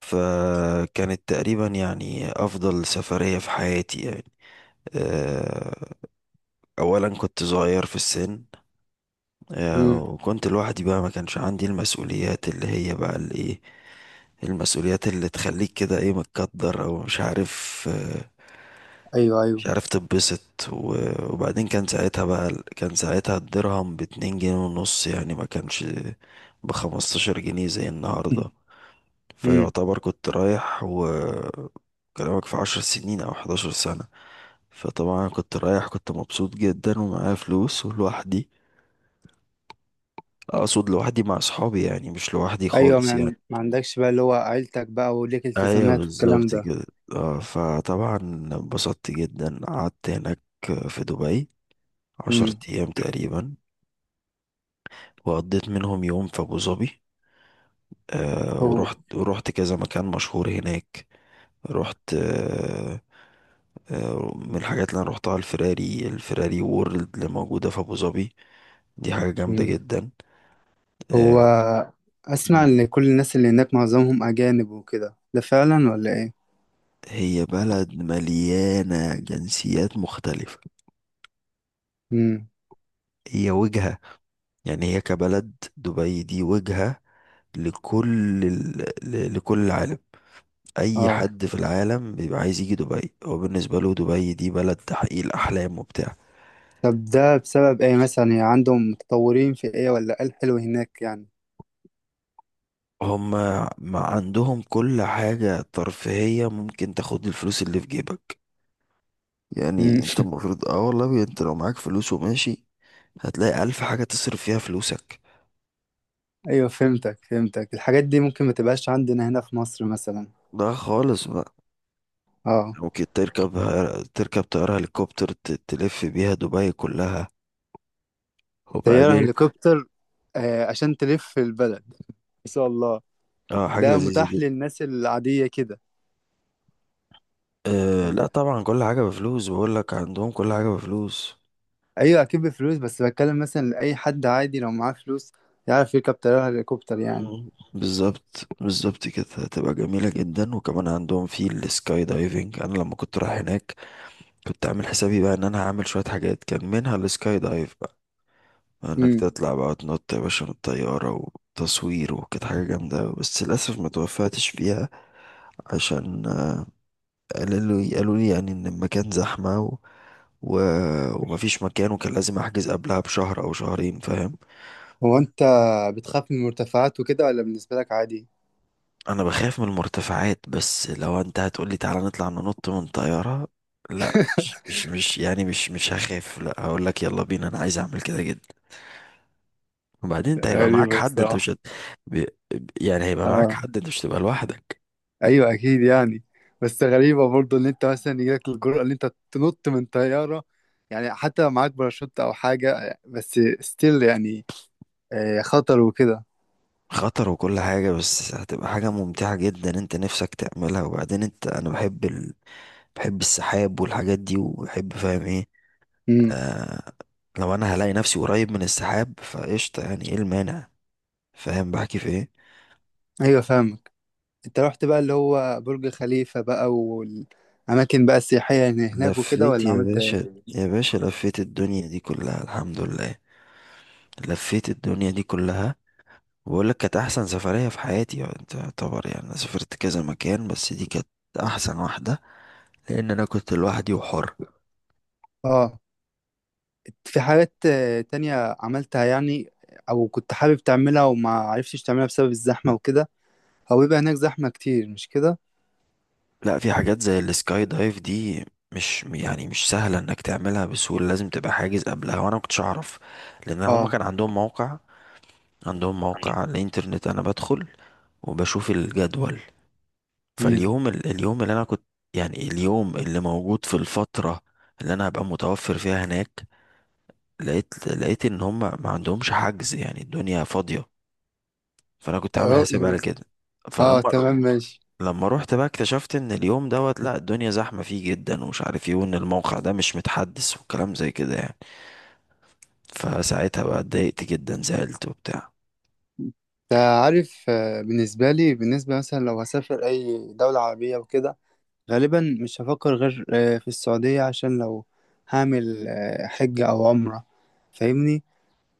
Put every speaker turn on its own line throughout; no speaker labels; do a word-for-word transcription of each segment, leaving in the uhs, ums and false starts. فكانت تقريبا يعني أفضل سفرية في حياتي يعني. آه، أولا كنت صغير في السن. آه،
امم.
وكنت لوحدي بقى ما كانش عندي المسؤوليات اللي هي بقى الإيه، المسؤوليات اللي تخليك كده إيه متقدر أو مش عارف، آه،
ايوه،
مش
ايوه.
عارف تتبسط. و- وبعدين كان ساعتها بقى كان ساعتها الدرهم باتنين جنيه ونص يعني ما كانش بخمستاشر جنيه زي النهاردة.
امم.
فيعتبر كنت رايح وكلامك في عشر سنين أو حداشر سنة. فطبعا كنت رايح كنت مبسوط جدا ومعايا فلوس ولوحدي، أقصد لوحدي مع أصحابي يعني مش لوحدي
ايوه ما
خالص يعني.
عن- ما عندكش بقى اللي هو عيلتك بقى وليك
أيوة
التزامات والكلام
بالظبط
ده.
كده. آه، فطبعا انبسطت جدا قعدت هناك في دبي عشر
امم.
أيام تقريبا، وقضيت منهم يوم في أبو ظبي. آه،
هو
ورحت ورحت كذا مكان مشهور هناك. رحت آه، آه، من الحاجات اللي انا روحتها الفراري، الفراري وورلد اللي موجودة في ابو ظبي، دي حاجة جامدة
امم
جدا.
هو
آه،
اسمع
مم.
ان كل الناس اللي هناك معظمهم اجانب وكده، ده فعلا ولا ايه؟
هي بلد مليانة جنسيات مختلفة.
امم.
هي وجهة، يعني هي كبلد دبي دي وجهة لكل ال... ل- لكل العالم. أي
اه.
حد في العالم بيبقى عايز يجي دبي هو بالنسبة له دبي دي بلد تحقيق الأحلام وبتاع.
طب ده بسبب ايه مثلا؟ يعني عندهم متطورين في ايه ولا ايه الحلو هناك يعني.
هما ما عندهم كل حاجة ترفيهية ممكن تاخد الفلوس اللي في جيبك،
امم.
يعني انت المفروض اه والله انت لو معاك فلوس وماشي هتلاقي ألف حاجة تصرف فيها فلوسك.
ايوه، فهمتك فهمتك، الحاجات دي ممكن ما تبقاش عندنا هنا في مصر مثلا.
ده خالص بقى.
اه.
ممكن تركب، تركب طيارة هليكوبتر ت- تلف بيها دبي كلها
طيارة
وبعدين
هليكوبتر! آه، عشان تلف في البلد. ما شاء الله.
اه حاجة
ده
لذيذة
متاح
جدا.
للناس العادية كده
آه
ولا
لا
إيه؟
طبعا كل حاجة بفلوس، بقول لك عندهم كل حاجة بفلوس.
ايوه اكيد بفلوس، بس بتكلم مثلا لاي حد عادي، لو معاه فلوس يعرف يركب طيارة هليكوبتر يعني.
مم. بالظبط بالظبط كده، هتبقى جميلة جدا. وكمان عندهم في السكاي دايفنج، انا لما كنت رايح هناك كنت عامل حسابي بقى ان انا هعمل شوية حاجات كان منها السكاي دايف، انك
امم.
تطلع بقى تنط يا باشا من الطيارة وتصوير، وكانت حاجة جامدة بس للأسف ما توفقتش فيها عشان قالوا لي قالوا لي يعني ان المكان زحمة و... و... ومفيش مكان وكان لازم احجز قبلها بشهر او شهرين فاهم.
هو انت بتخاف من المرتفعات وكده ولا بالنسبة لك عادي؟
انا بخاف من المرتفعات بس لو انت هتقولي تعالى نطلع ننط من طيارة، لا مش مش مش يعني مش مش هخاف، لا هقول لك يلا بينا انا عايز اعمل كده جدا. وبعدين انت هيبقى معاك
غريبة
حد انت
بصراحة.
مش هت... ب... ب- يعني هيبقى معاك
اه،
حد انت مش هتبقى لوحدك.
ايوه اكيد يعني. بس غريبة برضو ان انت مثلا يجيلك الجرأة ان انت تنط من طيارة، يعني حتى لو معاك باراشوت او حاجة بس ستيل يعني، آه، خطر وكده.
خطر وكل حاجة بس هتبقى حاجة ممتعة جدا انت نفسك تعملها. وبعدين انت انا بحب ال... بحب السحاب والحاجات دي وبحب فاهم ايه.
امم.
آه... لو انا هلاقي نفسي قريب من السحاب فقشطة، يعني ايه المانع. فاهم بحكي في ايه.
ايوه فاهمك. انت رحت بقى اللي هو برج خليفة بقى والأماكن بقى السياحية اللي هناك وكده،
لفيت
ولا
يا
عملت ايه؟
باشا
مم.
يا باشا لفيت الدنيا دي كلها الحمد لله. لفيت الدنيا دي كلها. بقول لك كانت احسن سفرية في حياتي يعني، انت يعتبر يعني انا سافرت كذا مكان بس دي كانت احسن واحدة لان انا كنت لوحدي وحر.
اه، في حاجات آه، تانية عملتها يعني، أو كنت حابب تعملها وما عرفتش تعملها بسبب الزحمة وكده؟ هو بيبقى هناك زحمة كتير مش كده؟
لا في حاجات زي السكاي دايف دي مش يعني مش سهلة انك تعملها بسهولة، لازم تبقى حاجز قبلها وانا ما كنتش اعرف. لان هما
اه.
كان عندهم موقع، عندهم موقع على الانترنت، انا بدخل وبشوف الجدول.
امم.
فاليوم ال- اليوم اللي انا كنت يعني اليوم اللي موجود في الفترة اللي انا هبقى متوفر فيها هناك، لقيت لقيت ان هما ما عندهمش حجز، يعني الدنيا فاضية، فانا كنت عامل
اه.
حسابي على كده.
آه،
فلما
تمام ماشي.
لما روحت بقى اكتشفت ان اليوم دوت لا الدنيا زحمة فيه جدا ومش عارف ايه وان الموقع ده مش متحدث وكلام زي كده يعني. فساعتها بقى اتضايقت جدا زعلت وبتاع.
انت عارف، آه، بالنسبة لي، بالنسبة مثلا لو هسافر أي دولة عربية وكده، غالبا مش هفكر غير آه، في السعودية، عشان لو هعمل آه، حجة أو عمرة، فاهمني.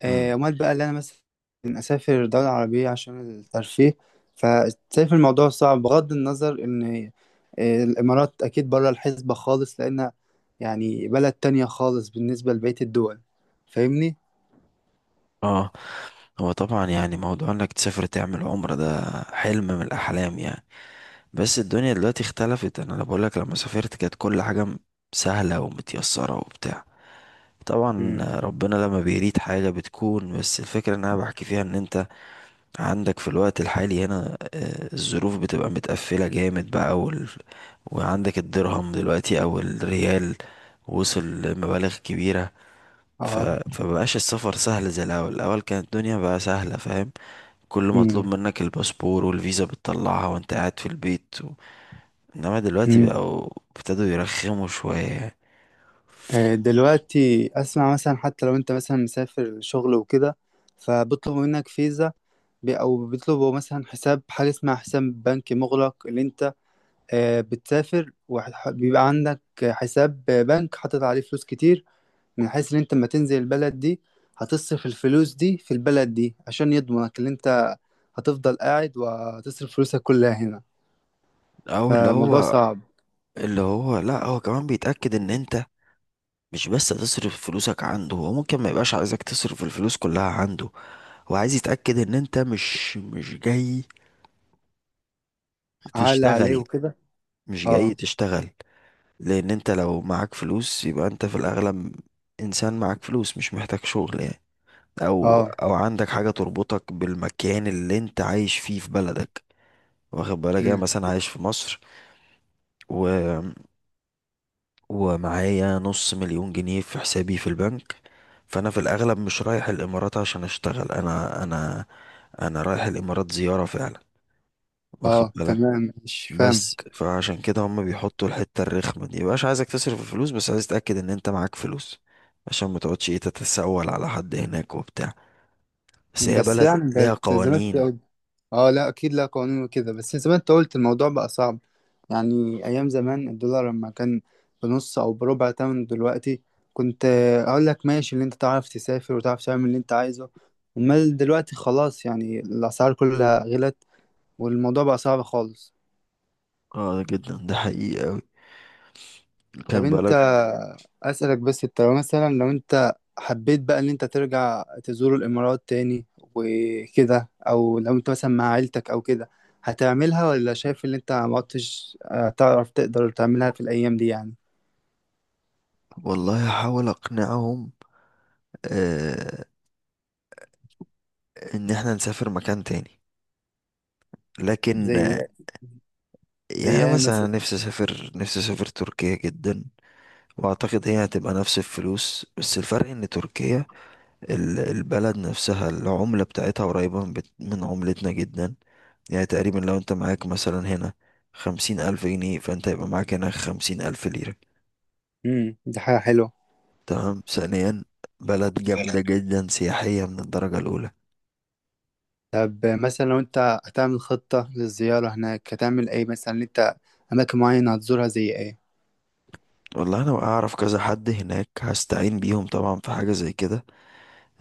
آه،
امم.
أمال بقى اللي أنا مثلا أسافر دولة عربية عشان الترفيه، فشايف الموضوع صعب، بغض النظر إن آه، الإمارات أكيد بره الحسبة خالص، لأن يعني بلد تانية خالص بالنسبة لبقية الدول. فاهمني؟
اه، هو طبعا يعني موضوع انك تسافر تعمل عمرة ده حلم من الاحلام يعني. بس الدنيا دلوقتي اختلفت، انا بقول لك لما سافرت كانت كل حاجة م- سهلة ومتيسرة وبتاع، طبعا
مم.
ربنا لما بيريد حاجة بتكون، بس الفكرة ان انا بحكي فيها ان انت عندك في الوقت الحالي هنا آه، الظروف بتبقى متقفلة جامد بقى وال... وعندك الدرهم دلوقتي او الريال وصل لمبالغ كبيرة. ف...
اه.
فمبقاش السفر سهل زي الاول، الاول كانت الدنيا بقى سهلة فاهم، كل مطلوب
مم.
منك الباسبور والفيزا بتطلعها وانت قاعد في البيت و... انما دلوقتي
مم.
بقوا ابتدوا يرخموا شوية يعني.
آه، دلوقتي اسمع مثلا، حتى لو انت مثلا مسافر شغل وكده، فبيطلبوا منك فيزا، بي- او بيطلبوا مثلا حساب، حاجه اسمها حساب بنكي مغلق، اللي انت آه، بتسافر وبيبقى عندك حساب بنك حاطط عليه فلوس كتير، من حيث ان انت لما تنزل البلد دي هتصرف الفلوس دي في البلد دي، عشان يضمنك ان انت هتفضل قاعد وهتصرف فلوسك كلها هنا.
او اللي
فالموضوع
هو
صعب.
اللي هو لا هو كمان بيتأكد ان انت مش بس تصرف فلوسك عنده، هو ممكن ما يبقاش عايزك تصرف الفلوس كلها عنده، هو عايز يتأكد ان انت مش مش جاي
عال عليه
تشتغل،
وكده.
مش جاي
اه.
تشتغل. لان انت لو معاك فلوس يبقى انت في الاغلب انسان معاك فلوس مش محتاج شغل يعني، او
اه.
او عندك حاجة تربطك بالمكان اللي انت عايش فيه في بلدك. واخد بالك، يعني
مم.
مثلا عايش في مصر و ومعايا نص مليون جنيه في حسابي في البنك، فانا في الاغلب مش رايح الامارات عشان اشتغل، انا انا انا رايح الامارات زيارة فعلا، واخد
اه
بالك.
تمام، مش
بس
فاهمك.
فعشان كده هم بيحطوا الحتة الرخمة دي، مبقاش عايزك تصرف الفلوس بس عايز تتأكد ان انت معاك فلوس عشان ما تقعدش ايه تتسول على حد هناك وبتاع. بس هي
بس
بلد
يعني
ليها
بت- زي ما
قوانين.
انت. اه لا اكيد، لا قوانين وكده، بس زي ما انت قلت الموضوع بقى صعب. يعني ايام زمان الدولار لما كان بنص او بربع تمن دلوقتي، كنت آه، اقول لك ماشي، اللي انت تعرف تسافر وتعرف تعمل اللي انت عايزه. امال دلوقتي خلاص، يعني الاسعار كلها غلت، والموضوع بقى صعب خالص.
اه جدا ده حقيقي أوي،
طب
كان
انت،
بالك.
اسالك بس، انت لو مثلا، لو انت حبيت بقى ان انت ترجع تزور الامارات تاني وكده، او لو انت مثلا مع عيلتك او كده، هتعملها ولا شايف ان انت ما عدتش هتعرف تقدر تعملها في الايام دي يعني؟
والله هحاول اقنعهم، آه ان احنا نسافر مكان تاني، لكن
زي زي
يعني
ايه
مثلا أنا
مثلا؟
نفسي اسافر، نفسي اسافر تركيا جدا، واعتقد هي هتبقى نفس الفلوس بس الفرق ان تركيا ال- البلد نفسها العملة بتاعتها قريبة من بت- من عملتنا جدا. يعني تقريبا لو انت معاك مثلا هنا خمسين الف جنيه فانت هيبقى معاك هنا خمسين الف ليرة.
امم، دي حاجه حلوه.
تمام، ثانيا بلد جامدة جدا سياحية من الدرجة الاولى.
طب مثلا لو انت هتعمل خطه للزياره هناك، هتعمل ايه مثلا؟ ان انت اماكن معينه هتزورها زي ايه؟
والله انا اعرف كذا حد هناك هستعين بيهم طبعا في حاجة زي كده.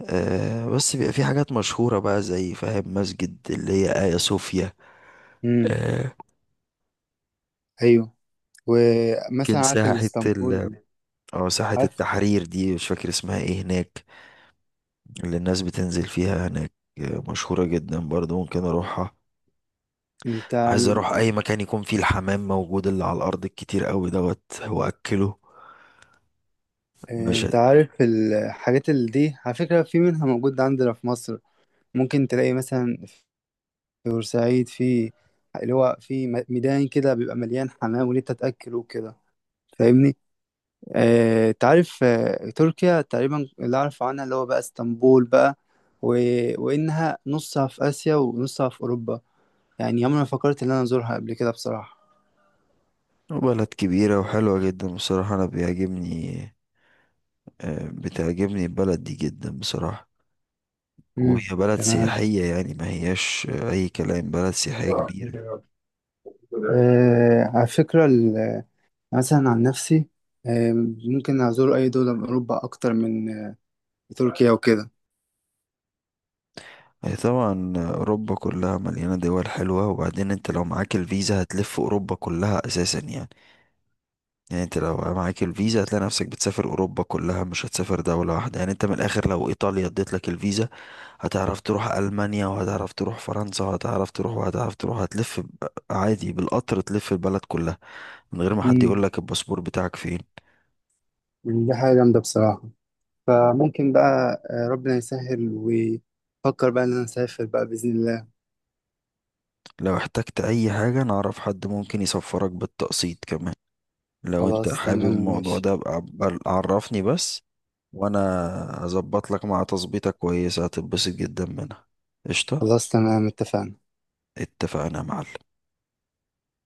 آه بس بيبقى في حاجات مشهورة بقى زي فاهم مسجد اللي هي آيا صوفيا،
امم.
آه
ايوه. ومثلا
ممكن
عارف
ساحة ال
الاسطنبول؟
اه ساحة
عارف.
التحرير، دي مش فاكر اسمها ايه هناك، اللي الناس بتنزل فيها هناك، آه مشهورة جدا برضه ممكن اروحها.
انت،
عايز اروح اي مكان يكون فيه الحمام موجود اللي على الارض الكتير قوي دوت واكله.
آه، انت
مشهد.
عارف الحاجات اللي دي على فكرة في منها موجود عندنا في مصر. ممكن تلاقي مثلا في بورسعيد، في اللي هو في م- ميدان كده بيبقى مليان حمام وليه تتأكل وكده. فاهمني. اه، انت عارف، آه، تركيا تقريبا اللي اعرف عنها اللي هو بقى اسطنبول بقى، و... وانها نصها في اسيا ونصها في اوروبا. يعني عمري ما فكرت ان انا ازورها قبل كده بصراحة.
بلد كبيرة وحلوة جدا بصراحة انا بيعجبني، آه بتعجبني البلد دي جدا بصراحة،
امم.
وهي بلد
تمام.
سياحية يعني ما هياش أي كلام، بلد سياحية كبيرة.
آه على فكرة، مثلا عن نفسي، آم، ممكن أزور أي دولة من أوروبا أكتر من آه، تركيا وكده.
هي طبعا أوروبا كلها مليانة دول حلوة، وبعدين أنت لو معاك الفيزا هتلف أوروبا كلها أساسا يعني، يعني أنت لو معاك الفيزا هتلاقي نفسك بتسافر أوروبا كلها مش هتسافر دولة واحدة يعني، أنت من الآخر لو إيطاليا اديت لك الفيزا هتعرف تروح ألمانيا وهتعرف تروح فرنسا وهتعرف تروح وهتعرف تروح هتلف ب- عادي بالقطر تلف البلد كلها من غير ما حد
مم.
يقول لك الباسبور بتاعك فين.
دي حاجة جامدة بصراحة. فممكن بقى آه، ربنا يسهل، وفكر بقى إن أنا أسافر بقى بإذن الله.
لو احتجت اي حاجة انا اعرف حد ممكن يسفرك بالتقسيط كمان، لو انت
خلاص
حابب
تمام
الموضوع
ماشي.
ده ابقى عب- عرفني بس وانا هظبط لك مع تظبيطة كويسة هتتبسط جدا منها. قشطة،
خلاص تمام اتفقنا.
اتفقنا يا معلم.